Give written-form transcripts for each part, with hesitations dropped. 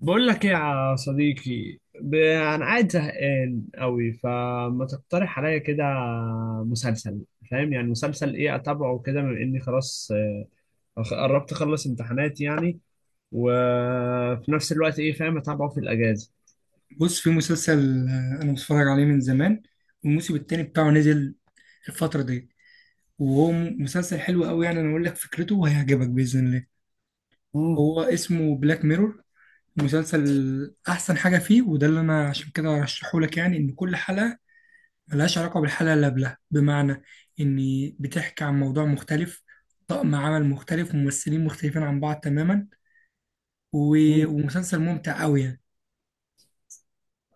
بقول لك ايه يا صديقي انا قاعد زهقان قوي فما تقترح عليا كده مسلسل. فاهم يعني مسلسل ايه اتابعه كده بما اني خلاص قربت اخلص امتحانات يعني. وفي نفس الوقت ايه فاهم اتابعه في الاجازه. بص، في مسلسل. انا بتفرج عليه من زمان، والموسم التاني بتاعه نزل الفترة دي. وهو مسلسل حلو قوي يعني. انا اقول لك فكرته وهيعجبك بإذن الله. مم. هو اسمه بلاك ميرور. مسلسل احسن حاجة فيه، وده اللي انا عشان كده ارشحه لك، يعني ان كل حلقة ملهاش علاقة بالحلقة اللي قبلها، بمعنى ان بتحكي عن موضوع مختلف، طقم عمل مختلف وممثلين مختلفين عن بعض تماما. و- مم. ومسلسل ممتع قوي يعني.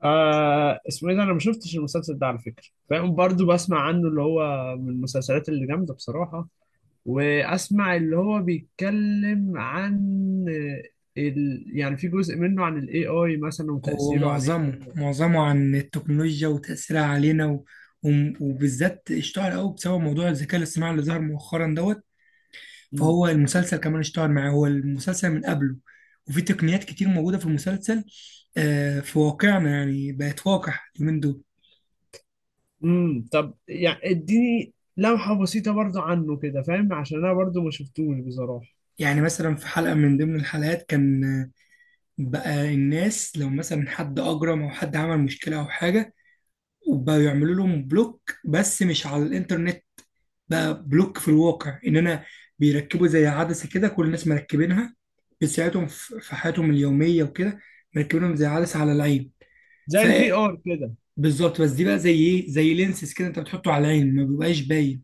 آه، اسمه ايه ده؟ انا ما شفتش المسلسل ده على فكره، فاهم، برضو بسمع عنه، اللي هو من المسلسلات اللي جامده بصراحه. واسمع اللي هو بيتكلم عن يعني في جزء منه عن الاي اي مثلا هو وتأثيره عليه. معظمه عن التكنولوجيا وتأثيرها علينا وبالذات اشتهر قوي بسبب موضوع الذكاء الاصطناعي اللي ظهر مؤخرا دوت. مم. فهو المسلسل كمان اشتهر معاه، هو المسلسل من قبله. وفي تقنيات كتير موجودة في المسلسل في واقعنا، يعني بقت واقع اليومين دول. طب يعني اديني لمحة بسيطة برضو عنه كده، فاهم، عشان انا برضو ما شفتوش بصراحة. يعني مثلا في حلقة من ضمن الحلقات، كان بقى الناس لو مثلا حد أجرم أو حد عمل مشكلة أو حاجة، وبقوا يعملوا لهم بلوك، بس مش على الإنترنت، بقى بلوك في الواقع. ان انا بيركبوا زي عدسه كده، كل الناس مركبينها، بتساعدهم في حياتهم اليوميه وكده. مركبينهم زي عدسه على العين. زي الفي ار كده. فبالظبط، بس دي بقى زي ايه، زي لينسز كده، انت بتحطه على العين ما بيبقاش باين.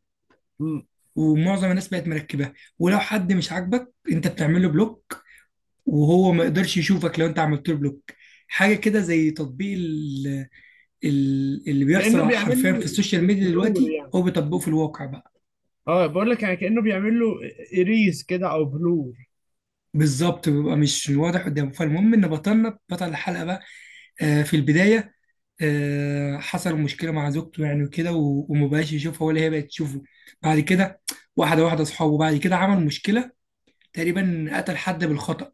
مم. ومعظم الناس بقت مركبها، ولو حد مش عاجبك انت بتعمل له بلوك، وهو ما يقدرش يشوفك لو انت عملت له بلوك. حاجه كده زي تطبيق اللي كأنه بيحصل بيعمل حرفيا في السوشيال له ميديا بلور دلوقتي، يعني. هو بيطبقه في الواقع بقى. اه بقول لك يعني كأنه بيعمل له اريز كده او بلور. بالظبط، بيبقى مش واضح قدامه. فالمهم ان بطلنا، بطل الحلقه بقى، في البدايه حصل مشكله مع زوجته يعني وكده، و- ومبقاش يشوفها ولا هي بقت تشوفه. بعد كده واحده واحده اصحابه، بعد كده عمل مشكله، تقريبا قتل حد بالخطأ،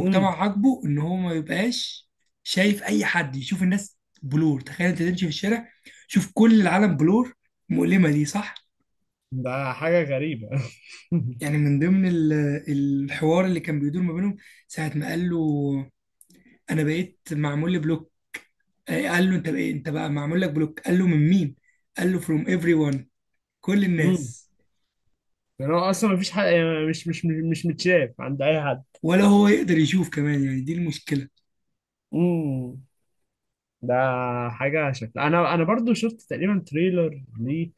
امم، عاجبه ان هو ما يبقاش شايف اي حد، يشوف الناس بلور. تخيل انت تمشي في الشارع، شوف كل العالم بلور، مؤلمه دي صح؟ ده حاجة غريبة. يعني من ضمن الحوار اللي كان بيدور ما بينهم، ساعه ما قال له انا بقيت معمول لي بلوك، قال له: انت بقى، انت بقى معمول لك بلوك. قال له: من مين؟ قال له: فروم ايفري ون، كل امم، الناس. يعني هو اصلا ما فيش حد، يعني مش متشاف عند اي حد. ولا هو يقدر يشوف كمان، يعني دي المشكله. امم، ده حاجة شكلها أنا برضو شفت تقريبا تريلر ليه.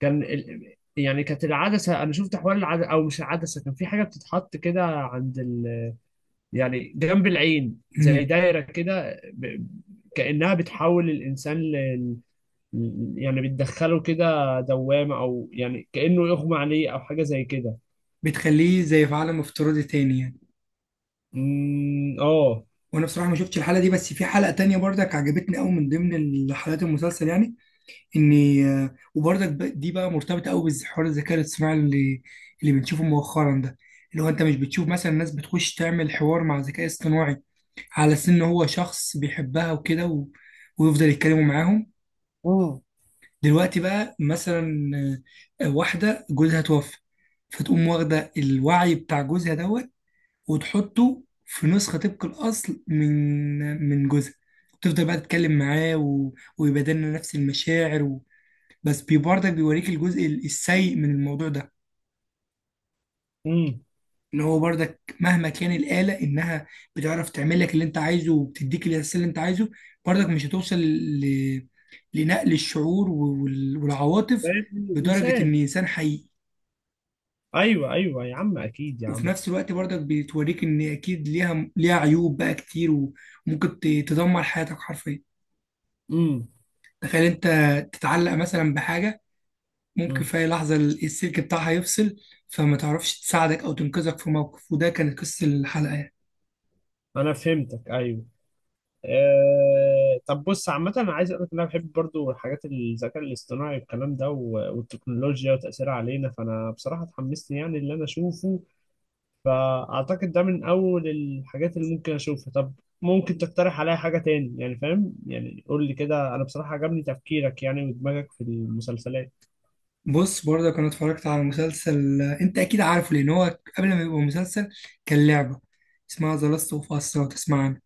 كان يعني كانت العدسة، أنا شفت حوار العدسة، أو مش العدسة، كان في حاجة بتتحط كده عند يعني جنب العين زي امم. دايرة كده كأنها بتحول الإنسان يعني بتدخله كده دوامة، أو يعني كأنه يغمى عليه أو حاجة زي كده. بتخليه زي في عالم افتراضي تاني يعني. أمم، آه وانا بصراحه ما شفتش الحلقه دي، بس في حلقه تانية برضك عجبتني قوي من ضمن حلقات المسلسل، يعني ان وبرضك دي بقى مرتبطه قوي بحوار الذكاء الاصطناعي اللي بنشوفه مؤخرا ده، اللي هو انت مش بتشوف مثلا ناس بتخش تعمل حوار مع ذكاء اصطناعي، على أساس إن هو شخص بيحبها وكده ويفضل يتكلموا معاهم. امم. دلوقتي بقى مثلا واحدة جوزها توفى، فتقوم واخدة الوعي بتاع جوزها دوت، وتحطه في نسخة طبق الأصل من جوزها، تفضل بقى تتكلم معاه ويبادلنا نفس المشاعر بس برضك بيوريك الجزء السيء من الموضوع ده، امم. اللي هو برضك مهما كان الآلة إنها بتعرف تعمل لك اللي أنت عايزه وبتديك الإحساس اللي أنت عايزه، برضك مش هتوصل لنقل الشعور والعواطف فاهم بدرجة إن الانسان. إنسان حقيقي. ايوه ايوه يا عم، اكيد يا وفي عم. نفس الوقت برضك بتوريك إن أكيد ليها عيوب بقى كتير، وممكن تدمر حياتك حرفيا. امم. تخيل أنت تتعلق مثلا بحاجة، ممكن امم. في أي لحظة السلك بتاعها يفصل، فما تعرفش تساعدك أو تنقذك في موقف، وده كانت قصة الحلقة يعني. انا فهمتك، ايوه. طب بص، عامة أنا عايز أقول لك إن أنا بحب برضو حاجات الذكاء الاصطناعي والكلام ده والتكنولوجيا وتأثيرها علينا، فأنا بصراحة اتحمست يعني اللي أنا أشوفه. فأعتقد ده من أول الحاجات اللي ممكن أشوفها. طب ممكن تقترح عليا حاجة تاني يعني، فاهم، يعني قول لي كده، أنا بصراحة عجبني تفكيرك يعني ودماغك في المسلسلات. بص، برضه انا اتفرجت على مسلسل انت اكيد عارفه، لان هو قبل ما يبقى مسلسل كان لعبه، اسمها ذا لاست اوف اس، لو تسمع عنها.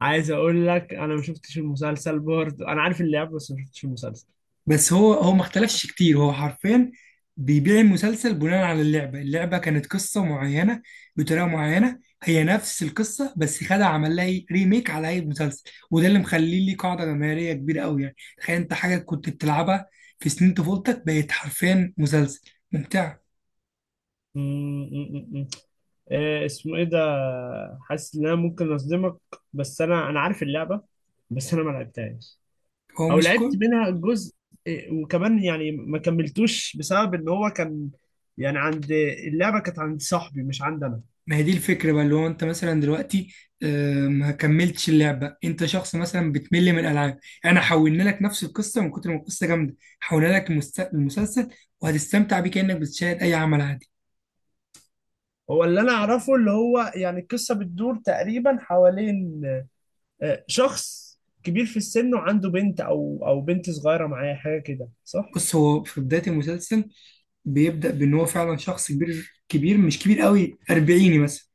عايز أقول لك أنا ما شفتش المسلسل برضو، أنا عارف اللعبة بس ما شفتش المسلسل. بس هو ما اختلفش كتير، هو حرفيا بيبيع المسلسل بناء على اللعبه. اللعبه كانت قصه معينه بطريقه معينه، هي نفس القصه بس خد عمل لها ريميك على اي مسلسل. وده اللي مخليه ليه قاعده جماهيريه كبيره قوي. يعني تخيل انت حاجه كنت بتلعبها في سنين طفولتك بقت حرفيا مسلسل ممتع. مم، مم، مم. إيه اسمه ايه ده؟ حاسس ان انا ممكن اصدمك، بس انا عارف اللعبه، بس انا ما لعبتهاش، هو او مش لعبت كل، منها جزء. إيه، وكمان يعني ما كملتوش بسبب ان هو كان يعني عند، اللعبه كانت عند صاحبي مش عندي انا. ما هي دي الفكرة بقى، اللي هو انت مثلا دلوقتي ما كملتش اللعبة، انت شخص مثلا بتمل من الالعاب، يعني انا حولنا لك نفس القصة. من كتر ما القصة جامدة، حولنا لك المسلسل، وهتستمتع بيه كأنك بتشاهد اي عمل عادي. هو اللي انا اعرفه، اللي هو يعني القصه بتدور تقريبا حوالين شخص كبير في السن وعنده بنت او او بنت صغيره معاه حاجه كده، صح؟ بص، هو في بداية المسلسل بيبدأ بان هو فعلا شخص كبير، كبير مش كبير قوي، اربعيني مثلا.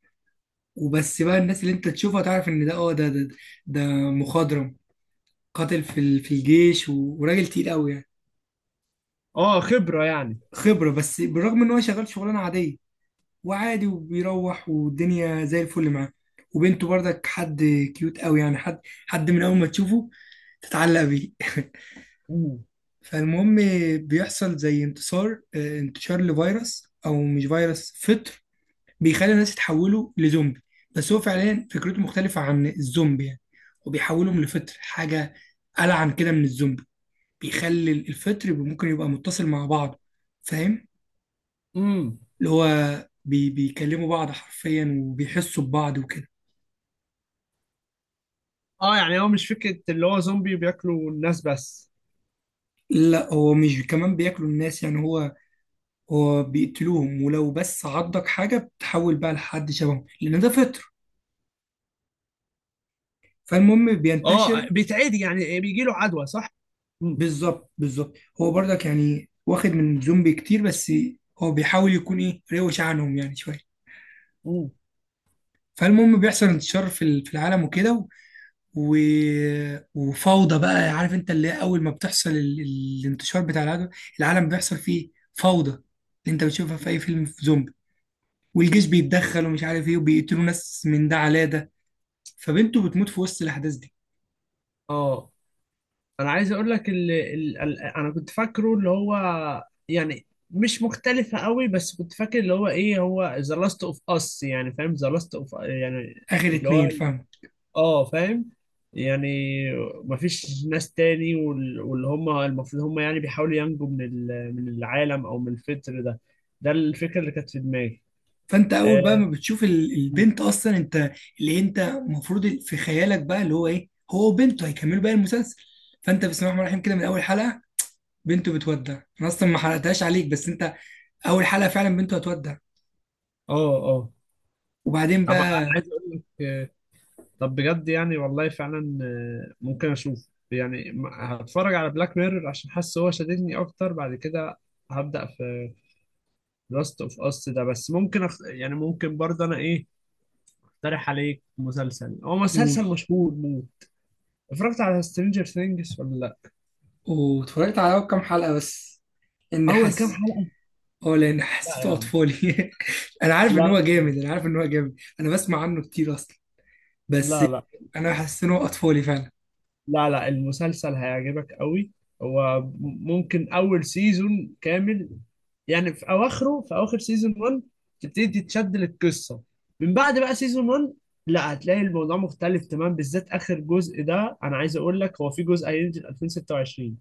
وبس بقى الناس اللي انت تشوفها تعرف ان ده، اه، ده مخضرم، قاتل في الجيش، و- وراجل تقيل قوي يعني. اه خبره يعني. خبرة، بس بالرغم ان هو شغال شغلانة عادية وعادي، وبيروح والدنيا زي الفل معاه. وبنته برضك حد كيوت قوي، يعني حد من اول ما تشوفه تتعلق بيه. فالمهم بيحصل زي انتصار، انتشار لفيروس، او مش فيروس، فطر، بيخلي الناس يتحولوا لزومبي. بس هو فعليا فكرته مختلفة عن الزومبي يعني، وبيحولهم لفطر، حاجة ألعن كده من الزومبي. بيخلي الفطر ممكن يبقى متصل مع بعض، فاهم؟ امم. اللي هو بيكلموا بعض حرفيا وبيحسوا ببعض وكده. اه يعني هو مش فكرة اللي هو زومبي بياكلوا الناس بس؟ لا، هو مش كمان بياكلوا الناس يعني، هو بيقتلوهم، ولو بس عضك حاجة بتحول بقى لحد شبههم، لأن ده فطر. فالمهم اه بينتشر. بيتعدي يعني، إيه، بيجي له عدوى صح؟ امم. بالظبط، هو برضك يعني واخد من زومبي كتير، بس هو بيحاول يكون إيه، روش عنهم يعني شوية. مم. فالمهم بيحصل انتشار في العالم وكده، و... وفوضى بقى. عارف انت اللي هي أول ما بتحصل الانتشار بتاع العالم، العالم بيحصل فيه فوضى، اللي انت بتشوفها في أي فيلم في زومبي. والجيش بيتدخل، ومش عارف ايه، وبيقتلوا ناس من ده على ده. فبنته بتموت في وسط الاحداث دي. اه انا عايز اقول لك انا كنت فاكره اللي هو يعني مش مختلفة قوي، بس كنت فاكر اللي هو ايه هو ذا لاست اوف اس يعني فاهم، ذا لاست اوف يعني اخر اللي اتنين، هو، فاهم؟ اه فاهم، يعني مفيش ناس تاني واللي هم المفروض هم يعني بيحاولوا ينجوا من من العالم او من الفطر ده، ده الفكرة اللي كانت في دماغي. فانت آه. اول بقى ما بتشوف البنت اصلا، انت اللي انت المفروض في خيالك بقى اللي هو ايه، هو وبنته هيكملوا بقى المسلسل. فانت بسم الله الرحمن الرحيم كده من اول حلقه بنته بتودع. انا اصلا ما حرقتهاش عليك، بس انت اول حلقه فعلا بنته هتودع. اه. اه. وبعدين طبعا انا بقى عايز اقول لك آه، طب بجد يعني والله فعلا، ممكن اشوف يعني، هتفرج على بلاك ميرور عشان حاسس هو شددني اكتر. بعد كده هبدأ في لاست اوف اس ده. بس ممكن يعني ممكن برضه انا ايه اقترح عليك مسلسل، هو قول. مسلسل مشهور موت. اتفرجت على سترينجر ثينجز ولا لا؟ واتفرجت على أول كام حلقه بس، اني اول كام حاسس، حلقة؟ اه، لان لا حسيته يعني، اطفالي. انا عارف ان لا. هو جامد، انا عارف ان هو جامد، انا بسمع عنه كتير اصلا، بس لا لا. انا حاسس ان هو اطفالي فعلا. لا لا، المسلسل هيعجبك قوي. هو ممكن اول سيزون كامل يعني في اواخره، في اواخر سيزون 1 تبتدي تتشد للقصه. من بعد بقى سيزون 1 لا، هتلاقي الموضوع مختلف تمام، بالذات اخر جزء ده. انا عايز اقول لك هو في جزء هينزل 2026،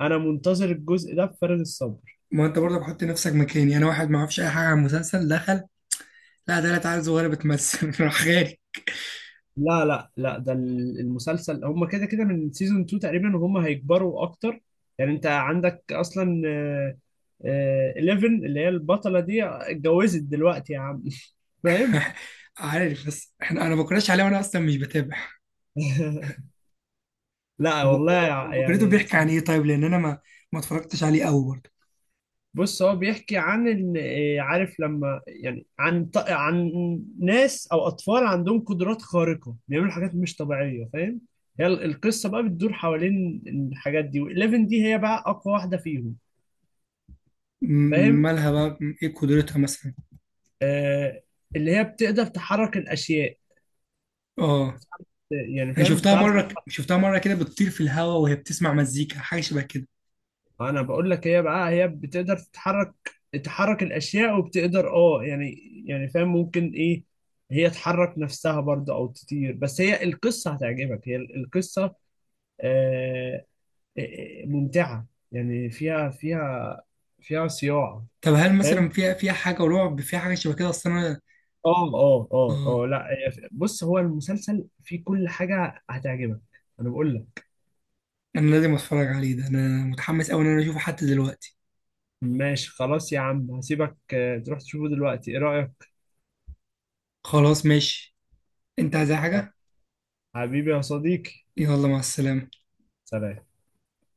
انا منتظر الجزء ده بفارغ الصبر. ما انت برضه بحط نفسك مكاني يعني، انا واحد ما اعرفش اي حاجه عن المسلسل، دخل. لا، ده لا تعالى صغيره بتمثل. راح خارج. لا لا لا، ده ال- المسلسل هم كده كده من سيزون 2 تقريبا وهم هيكبروا اكتر. يعني انت عندك اصلا 11 اللي هي البطلة دي اتجوزت دلوقتي يا عم. فاهم. عارف، بس احنا انا ما بكرهش عليه، وانا اصلا مش بتابع. لا طب هو، هو والله. فكرته يعني بيحكي عن ايه طيب؟ لان انا ما اتفرجتش عليه قوي برضه. بص هو بيحكي عن عارف لما يعني عن عن ناس او اطفال عندهم قدرات خارقة بيعملوا حاجات مش طبيعية، فاهم. هي ال- القصة بقى بتدور حوالين الحاجات دي، و11 دي هي بقى اقوى واحدة فيهم، فاهم. مالها بقى، ايه قدرتها مثلا؟ آه، اللي هي بتقدر تحرك الاشياء. اه، يعني انا فاهم، شفتها بتعرف، مره شفتها مره كده بتطير في الهواء وهي بتسمع مزيكا، حاجه شبه كده. انا بقول لك هي بقى هي بتقدر تتحرك، تحرك الاشياء، وبتقدر، اه يعني، يعني فاهم ممكن ايه، هي تحرك نفسها برضه او تطير. بس هي القصه هتعجبك، هي القصه آه، ممتعه، يعني فيها، فيها، فيها صياعه، طب هل فاهم. مثلا فيها حاجة رعب، فيها حاجة شبه كده؟ أصل أنا، آه، اه لا، بص هو المسلسل فيه كل حاجه هتعجبك، انا بقول لك. أنا لازم أتفرج عليه ده. أنا متحمس أوي إن أنا أشوفه حتى دلوقتي. ماشي خلاص يا عم، هسيبك تروح تشوفه دلوقتي، ايه رأيك؟ خلاص ماشي. أنت عايز أي آه. حاجة؟ حبيبي يا صديقي، يلا مع السلامة. سلام.